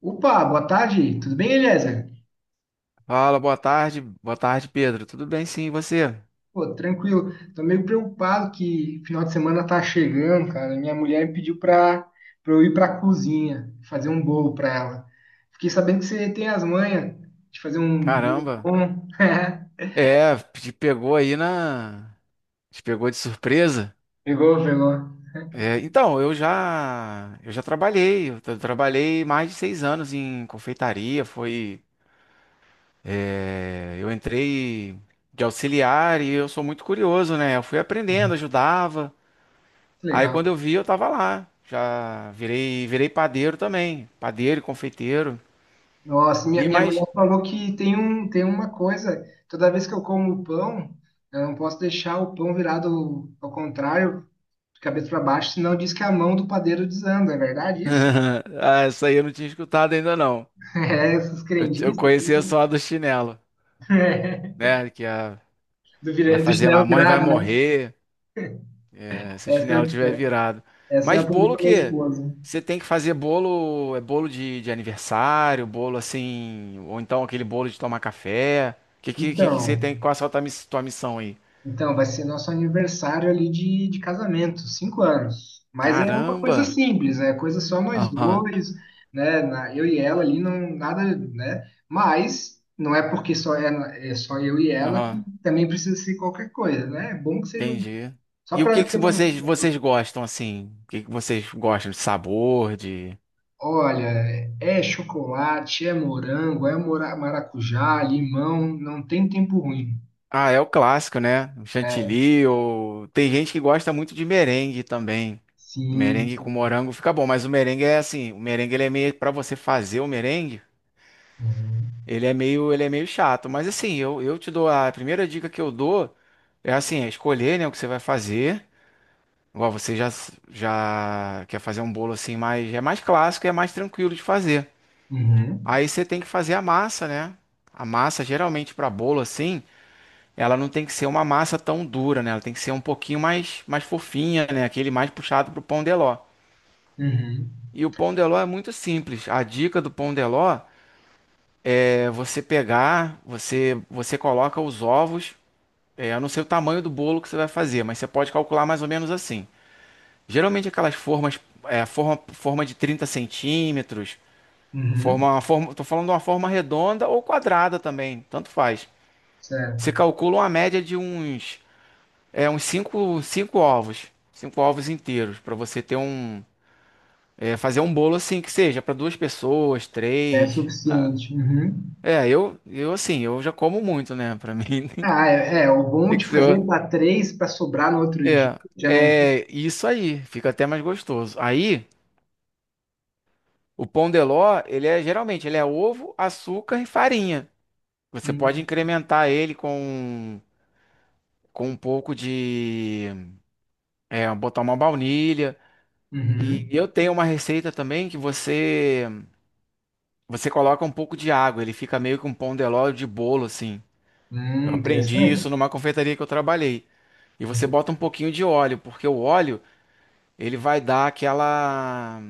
Opa, boa tarde, tudo bem, Eliezer? Fala, boa tarde. Boa tarde, Pedro. Tudo bem, sim, e você? Pô, tranquilo. Tô meio preocupado que final de semana tá chegando, cara. Minha mulher me pediu pra eu ir pra cozinha fazer um bolo pra ela. Fiquei sabendo que você tem as manhas de fazer um bolo Caramba. bom. É, te pegou aí na. te pegou de surpresa? Pegou, pegou. É, então, Eu já trabalhei. Trabalhei mais de 6 anos em confeitaria. Foi. É, eu entrei de auxiliar e eu sou muito curioso, né? Eu fui aprendendo, ajudava. Que Aí Legal. quando eu vi, eu tava lá. Já virei padeiro também. Padeiro e confeiteiro. Nossa, E minha mulher mais. falou que tem tem uma coisa, toda vez que eu como pão, eu não posso deixar o pão virado ao contrário, de cabeça para baixo, senão diz que a mão do padeiro desanda, é verdade isso? Ah, essa aí eu não tinha escutado ainda, não. É, essas Eu crendices, conhecia assim, só a do chinelo, é, né? Vai do fazer chinelo mamãe vai virado, né? morrer, é, se o Essa, chinelo tiver virado. essa eu Mas aprendi bolo com a minha que esposa. você tem que fazer bolo, é bolo de aniversário, bolo assim, ou então aquele bolo de tomar café. Que que você Então, tem, qual é a tua missão aí? então, vai ser nosso aniversário ali de casamento, 5 anos. Mas é uma coisa Caramba. simples, é coisa só nós Aham. dois, né? Eu e ela ali, não, nada, né? Mas não é porque só é, é só eu e ela que Aham. também precisa ser qualquer coisa, né? É bom que seja um, Entendi. só E o que para ter que uma. vocês gostam assim? O que que vocês gostam de sabor, de... Olha, é chocolate, é morango, é maracujá, limão, não tem tempo ruim. Ah, é o clássico, né? O É, chantilly, ou tem gente que gosta muito de merengue também. sim, Merengue com sim. morango fica bom, mas o merengue é assim, o merengue ele é meio para você fazer o merengue, Uhum, ele é meio chato, mas assim, eu te dou a primeira dica que eu dou é assim, é escolher, né, o que você vai fazer. Igual você já já quer fazer um bolo assim, mas é mais clássico e é mais tranquilo de fazer. uhum, Aí você tem que fazer a massa, né? A massa geralmente para bolo assim, ela não tem que ser uma massa tão dura, né? Ela tem que ser um pouquinho mais fofinha, né? Aquele mais puxado pro pão de ló. uhum, E o pão de ló é muito simples. A dica do pão de ló é você pegar, você coloca os ovos. É, eu não sei o tamanho do bolo que você vai fazer, mas você pode calcular mais ou menos assim. Geralmente aquelas formas, forma de 30 centímetros, uhum, forma, tô falando de uma forma redonda ou quadrada também, tanto faz. Você certo. calcula uma média de uns cinco ovos inteiros pra você ter um, fazer um bolo assim que seja pra duas pessoas, É três. Suficiente. Uhum. É, eu já como muito, né? Pra mim Ah, é, é, o bom tem de que fazer ser. para três para sobrar no outro dia, É, já não. é isso aí. Fica até mais gostoso. Aí o pão de ló, ele é geralmente ele é ovo, açúcar e farinha. Você pode Uhum, incrementar ele com um pouco de, botar uma baunilha. E uhum. eu tenho uma receita também que você você coloca um pouco de água, ele fica meio que um pão de ló de bolo, assim. Eu aprendi Interessante. isso numa confeitaria que eu trabalhei. E você Uhum. bota um pouquinho de óleo, porque o óleo, ele vai dar aquela...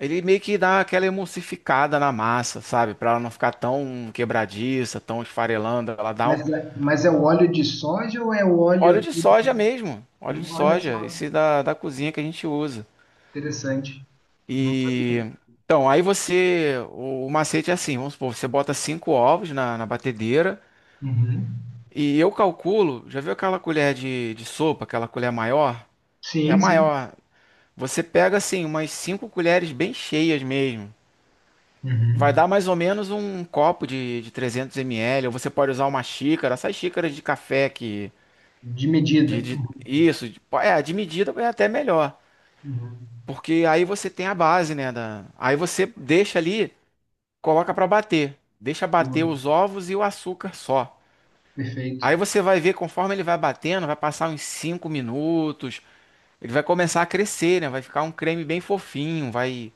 ele meio que dá aquela emulsificada na massa, sabe? Para ela não ficar tão quebradiça, tão esfarelando. Ela dá um. Mas, mas é o óleo de soja ou é o óleo Óleo de aqui? soja mesmo. Óleo de Olha soja, só, esse da cozinha que a gente usa. interessante. Não sabia. E. Então, o macete é assim, vamos supor, você bota cinco ovos na batedeira. Uhum. E eu calculo, já viu aquela colher de sopa, aquela colher maior? É a Sim, sim. maior. Você pega assim umas 5 colheres bem cheias mesmo. Vai Uhum. dar mais ou menos um copo de 300 ml, ou você pode usar uma xícara, essas xícaras de café De medida. Uhum. isso, de medida é até melhor, Uhum. porque aí você tem a base, né, aí você deixa ali, coloca para bater. Deixa bater Boa. os ovos e o açúcar só. Perfeito. Aí você vai ver, conforme ele vai batendo, vai passar uns 5 minutos. Ele vai começar a crescer, né? Vai ficar um creme bem fofinho, vai.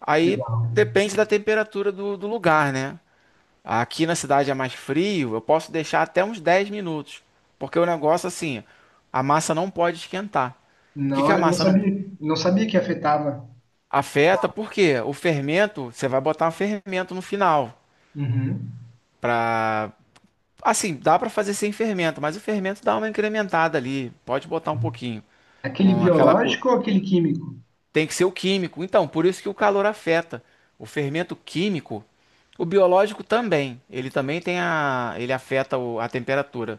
Aí Legal. depende da temperatura do lugar, né? Aqui na cidade é mais frio, eu posso deixar até uns 10 minutos. Porque o negócio, assim, a massa não pode esquentar. Por Na que que a hora, não massa não sabia, não sabia que afetava. afeta? Porque o fermento, você vai botar um fermento no final. Uhum. Pra. Assim, dá pra fazer sem fermento, mas o fermento dá uma incrementada ali. Pode botar um pouquinho. Aquele Um, aquela co- biológico ou aquele químico? Tem que ser o químico. Então, por isso que o calor afeta. O fermento químico, o biológico também. Ele também ele afeta a temperatura,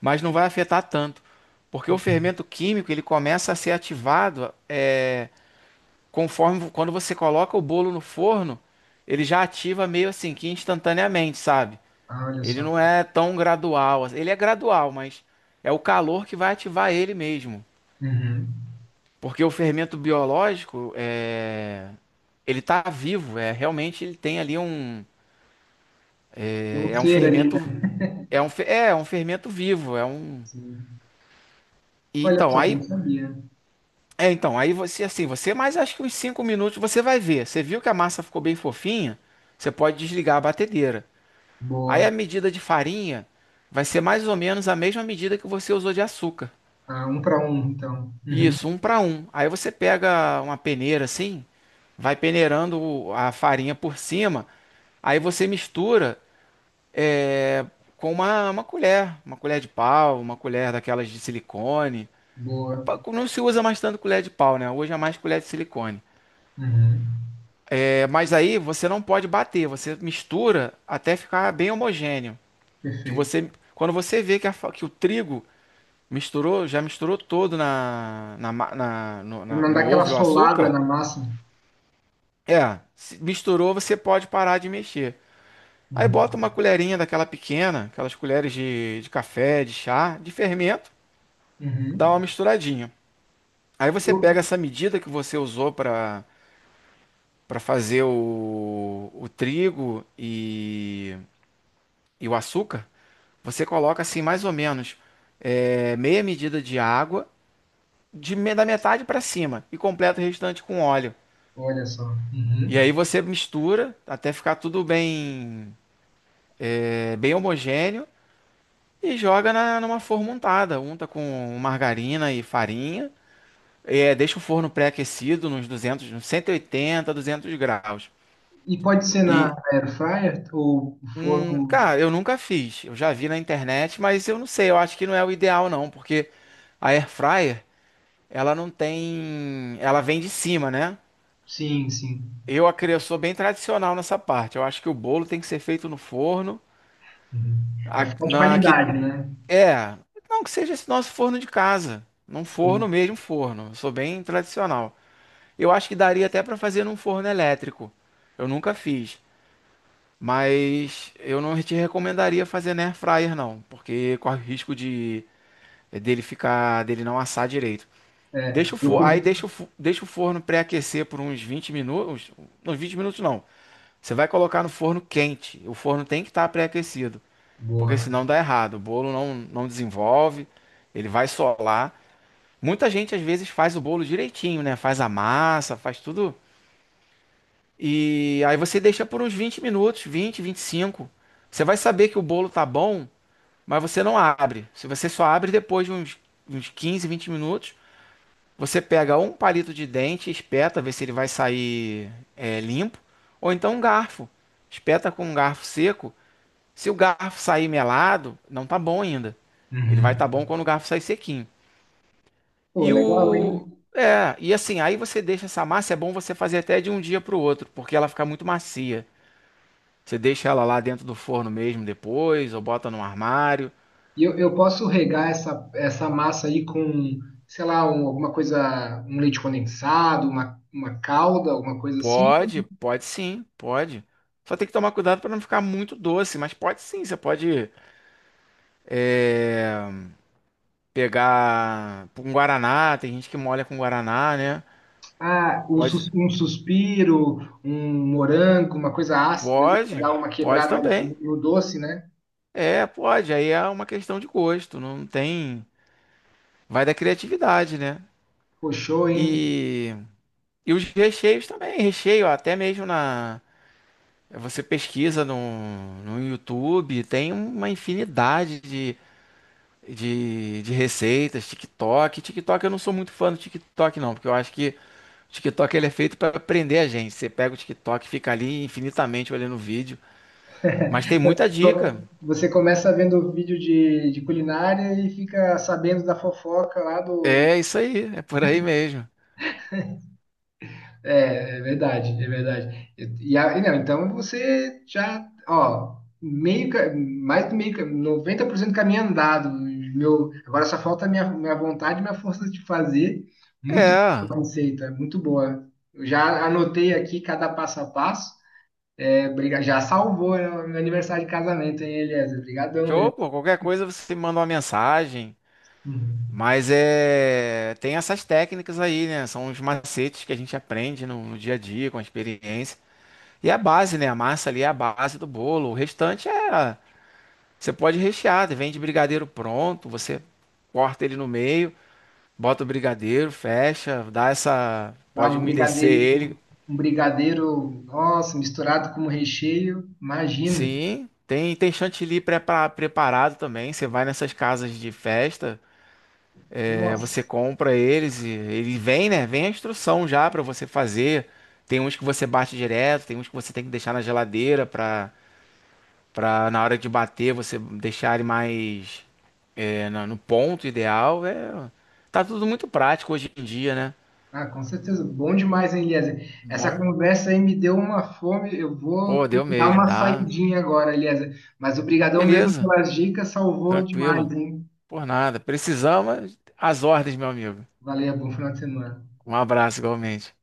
mas não vai afetar tanto, porque o Uhum. fermento químico ele começa a ser ativado, conforme quando você coloca o bolo no forno, ele já ativa meio assim que instantaneamente, sabe? Ah, olha Ele só. não é tão gradual, assim. Ele é gradual, mas é o calor que vai ativar ele mesmo. Uhum. Porque o fermento biológico é, ele está vivo, é realmente, ele tem ali um, Tem Um é é um ser ali, né? fermento é um fe- é é um fermento vivo, é um, Sim. e Olha então só, aí, não sabia. Então aí você assim, você mais acho que uns 5 minutos você vai ver. Você viu que a massa ficou bem fofinha, você pode desligar a batedeira. Aí a Boa. medida de farinha vai ser mais ou menos a mesma medida que você usou de açúcar. Ah, um para um, então. Uhum. Isso, um para um. Aí você pega uma peneira assim, vai peneirando a farinha por cima. Aí você mistura com uma colher, uma colher de pau, uma colher daquelas de silicone. Boa. Não se usa mais tanto colher de pau, né? Hoje é mais colher de silicone. Uhum. É, mas aí você não pode bater, você mistura até ficar bem homogêneo. Que Perfeito. você, quando você vê que, o trigo misturou, já misturou todo na, Pra não dar no aquela ovo e o solada açúcar, na massa. Se misturou, você pode parar de mexer. Aí Uhum. bota uma colherinha daquela pequena, aquelas colheres de café, de chá, de fermento. Dá uma Uhum. misturadinha. Aí E você o- pega essa medida que você usou para fazer o trigo e o açúcar, você coloca assim mais ou menos, meia medida de água, da metade para cima, e completa o restante com óleo. Olha só. E Uhum. aí você mistura até ficar tudo bem homogêneo, e joga numa forma untada, unta com margarina e farinha. É, deixa o forno pré-aquecido nos 200, nos 180 200 graus. E pode ser na E, air fryer ou forno? Cara, eu nunca fiz. Eu já vi na internet, mas eu não sei. Eu acho que não é o ideal, não, porque a air fryer, ela não tem. Ela vem de cima, né? Sim, sim. Eu sou bem tradicional nessa parte. Eu acho que o bolo tem que ser feito no forno. Uhum. Pra A- ficar de na, que, qualidade, né? é, não que seja esse nosso forno de casa. Num forno Sim. mesmo, forno. Eu sou bem tradicional. Eu acho que daria até para fazer num forno elétrico. Eu nunca fiz. Mas eu não te recomendaria fazer na air fryer não, porque corre o risco de dele ficar, dele não assar direito. Deixa É, o eu forno, aí com... deixa deixa o forno pré-aquecer por uns 20 minutos, uns 20 minutos não. Você vai colocar no forno quente. O forno tem que estar pré-aquecido, porque Boa. senão dá errado. O bolo não desenvolve, ele vai solar. Muita gente às vezes faz o bolo direitinho, né? Faz a massa, faz tudo. E aí você deixa por uns 20 minutos, 20, 25. Você vai saber que o bolo tá bom, mas você não abre. Se você só abre depois de uns 15, 20 minutos, você pega um palito de dente, espeta, vê se ele vai sair, limpo, ou então um garfo. Espeta com um garfo seco. Se o garfo sair melado, não tá bom ainda. Ele vai estar, Uhum. tá bom, quando o garfo sair sequinho. Pô, E legal, o hein? E assim, aí você deixa essa massa, é bom você fazer até de um dia para o outro, porque ela fica muito macia. Você deixa ela lá dentro do forno mesmo depois, ou bota no armário? E eu posso regar essa massa aí com, sei lá, alguma coisa, um leite condensado, uma calda, alguma coisa assim? Pode, pode sim, pode. Só tem que tomar cuidado para não ficar muito doce, mas pode sim. Você pode, é, pegar com guaraná, tem gente que molha com guaraná, né? Ah, Pode, um suspiro, um morango, uma coisa ácida ali, pode, pra dar uma pode quebrada também. no, no doce, né? É, pode. Aí é uma questão de gosto, não tem. Vai da criatividade, né? Pô, show, hein? E, e os recheios também, recheio até mesmo na. Você pesquisa no YouTube, tem uma infinidade de receitas, TikTok. TikTok, eu não sou muito fã do TikTok, não, porque eu acho que o TikTok ele é feito para prender a gente. Você pega o TikTok e fica ali infinitamente olhando o vídeo. Mas tem muita dica. Então, você começa vendo vídeo de culinária e fica sabendo da fofoca lá do. É isso aí, é por aí mesmo. É, é verdade, é verdade. E não, então você já, ó, mais do meio, 90% do caminho andado. Meu, agora só falta a minha vontade e minha força de fazer. Muito boa É, a receita, muito boa. Eu já anotei aqui cada passo a passo. Já salvou, né, meu aniversário de casamento, hein, Eliezer? Obrigadão show, mesmo. pô, qualquer coisa você manda uma mensagem. Uhum. Mas tem essas técnicas aí, né? São os macetes que a gente aprende no dia a dia, com a experiência. E é a base, né? A massa ali é a base do bolo. O restante é. Você pode rechear, vende brigadeiro pronto, você corta ele no meio, bota o brigadeiro, fecha, dá essa. Lá Pode umedecer ele. Um brigadeiro, nossa, misturado com recheio, imagina. Sim, tem chantilly preparado também. Você vai nessas casas de festa, você Nossa. compra eles e ele vem, né? Vem a instrução já para você fazer. Tem uns que você bate direto, tem uns que você tem que deixar na geladeira para Pra na hora de bater você deixar ele mais, no ponto ideal. É, tá tudo muito prático hoje em dia, né? Ah, com certeza, bom demais, hein, Eliezer? Essa Bom, conversa aí me deu uma fome, eu vou pô, ter deu que dar mesmo, uma dá. saidinha agora, Eliezer. Mas obrigadão mesmo Beleza, pelas dicas, salvou demais, tranquilo. hein? Por nada. Precisamos, as ordens, meu amigo. Valeu, bom final de semana. Um abraço igualmente.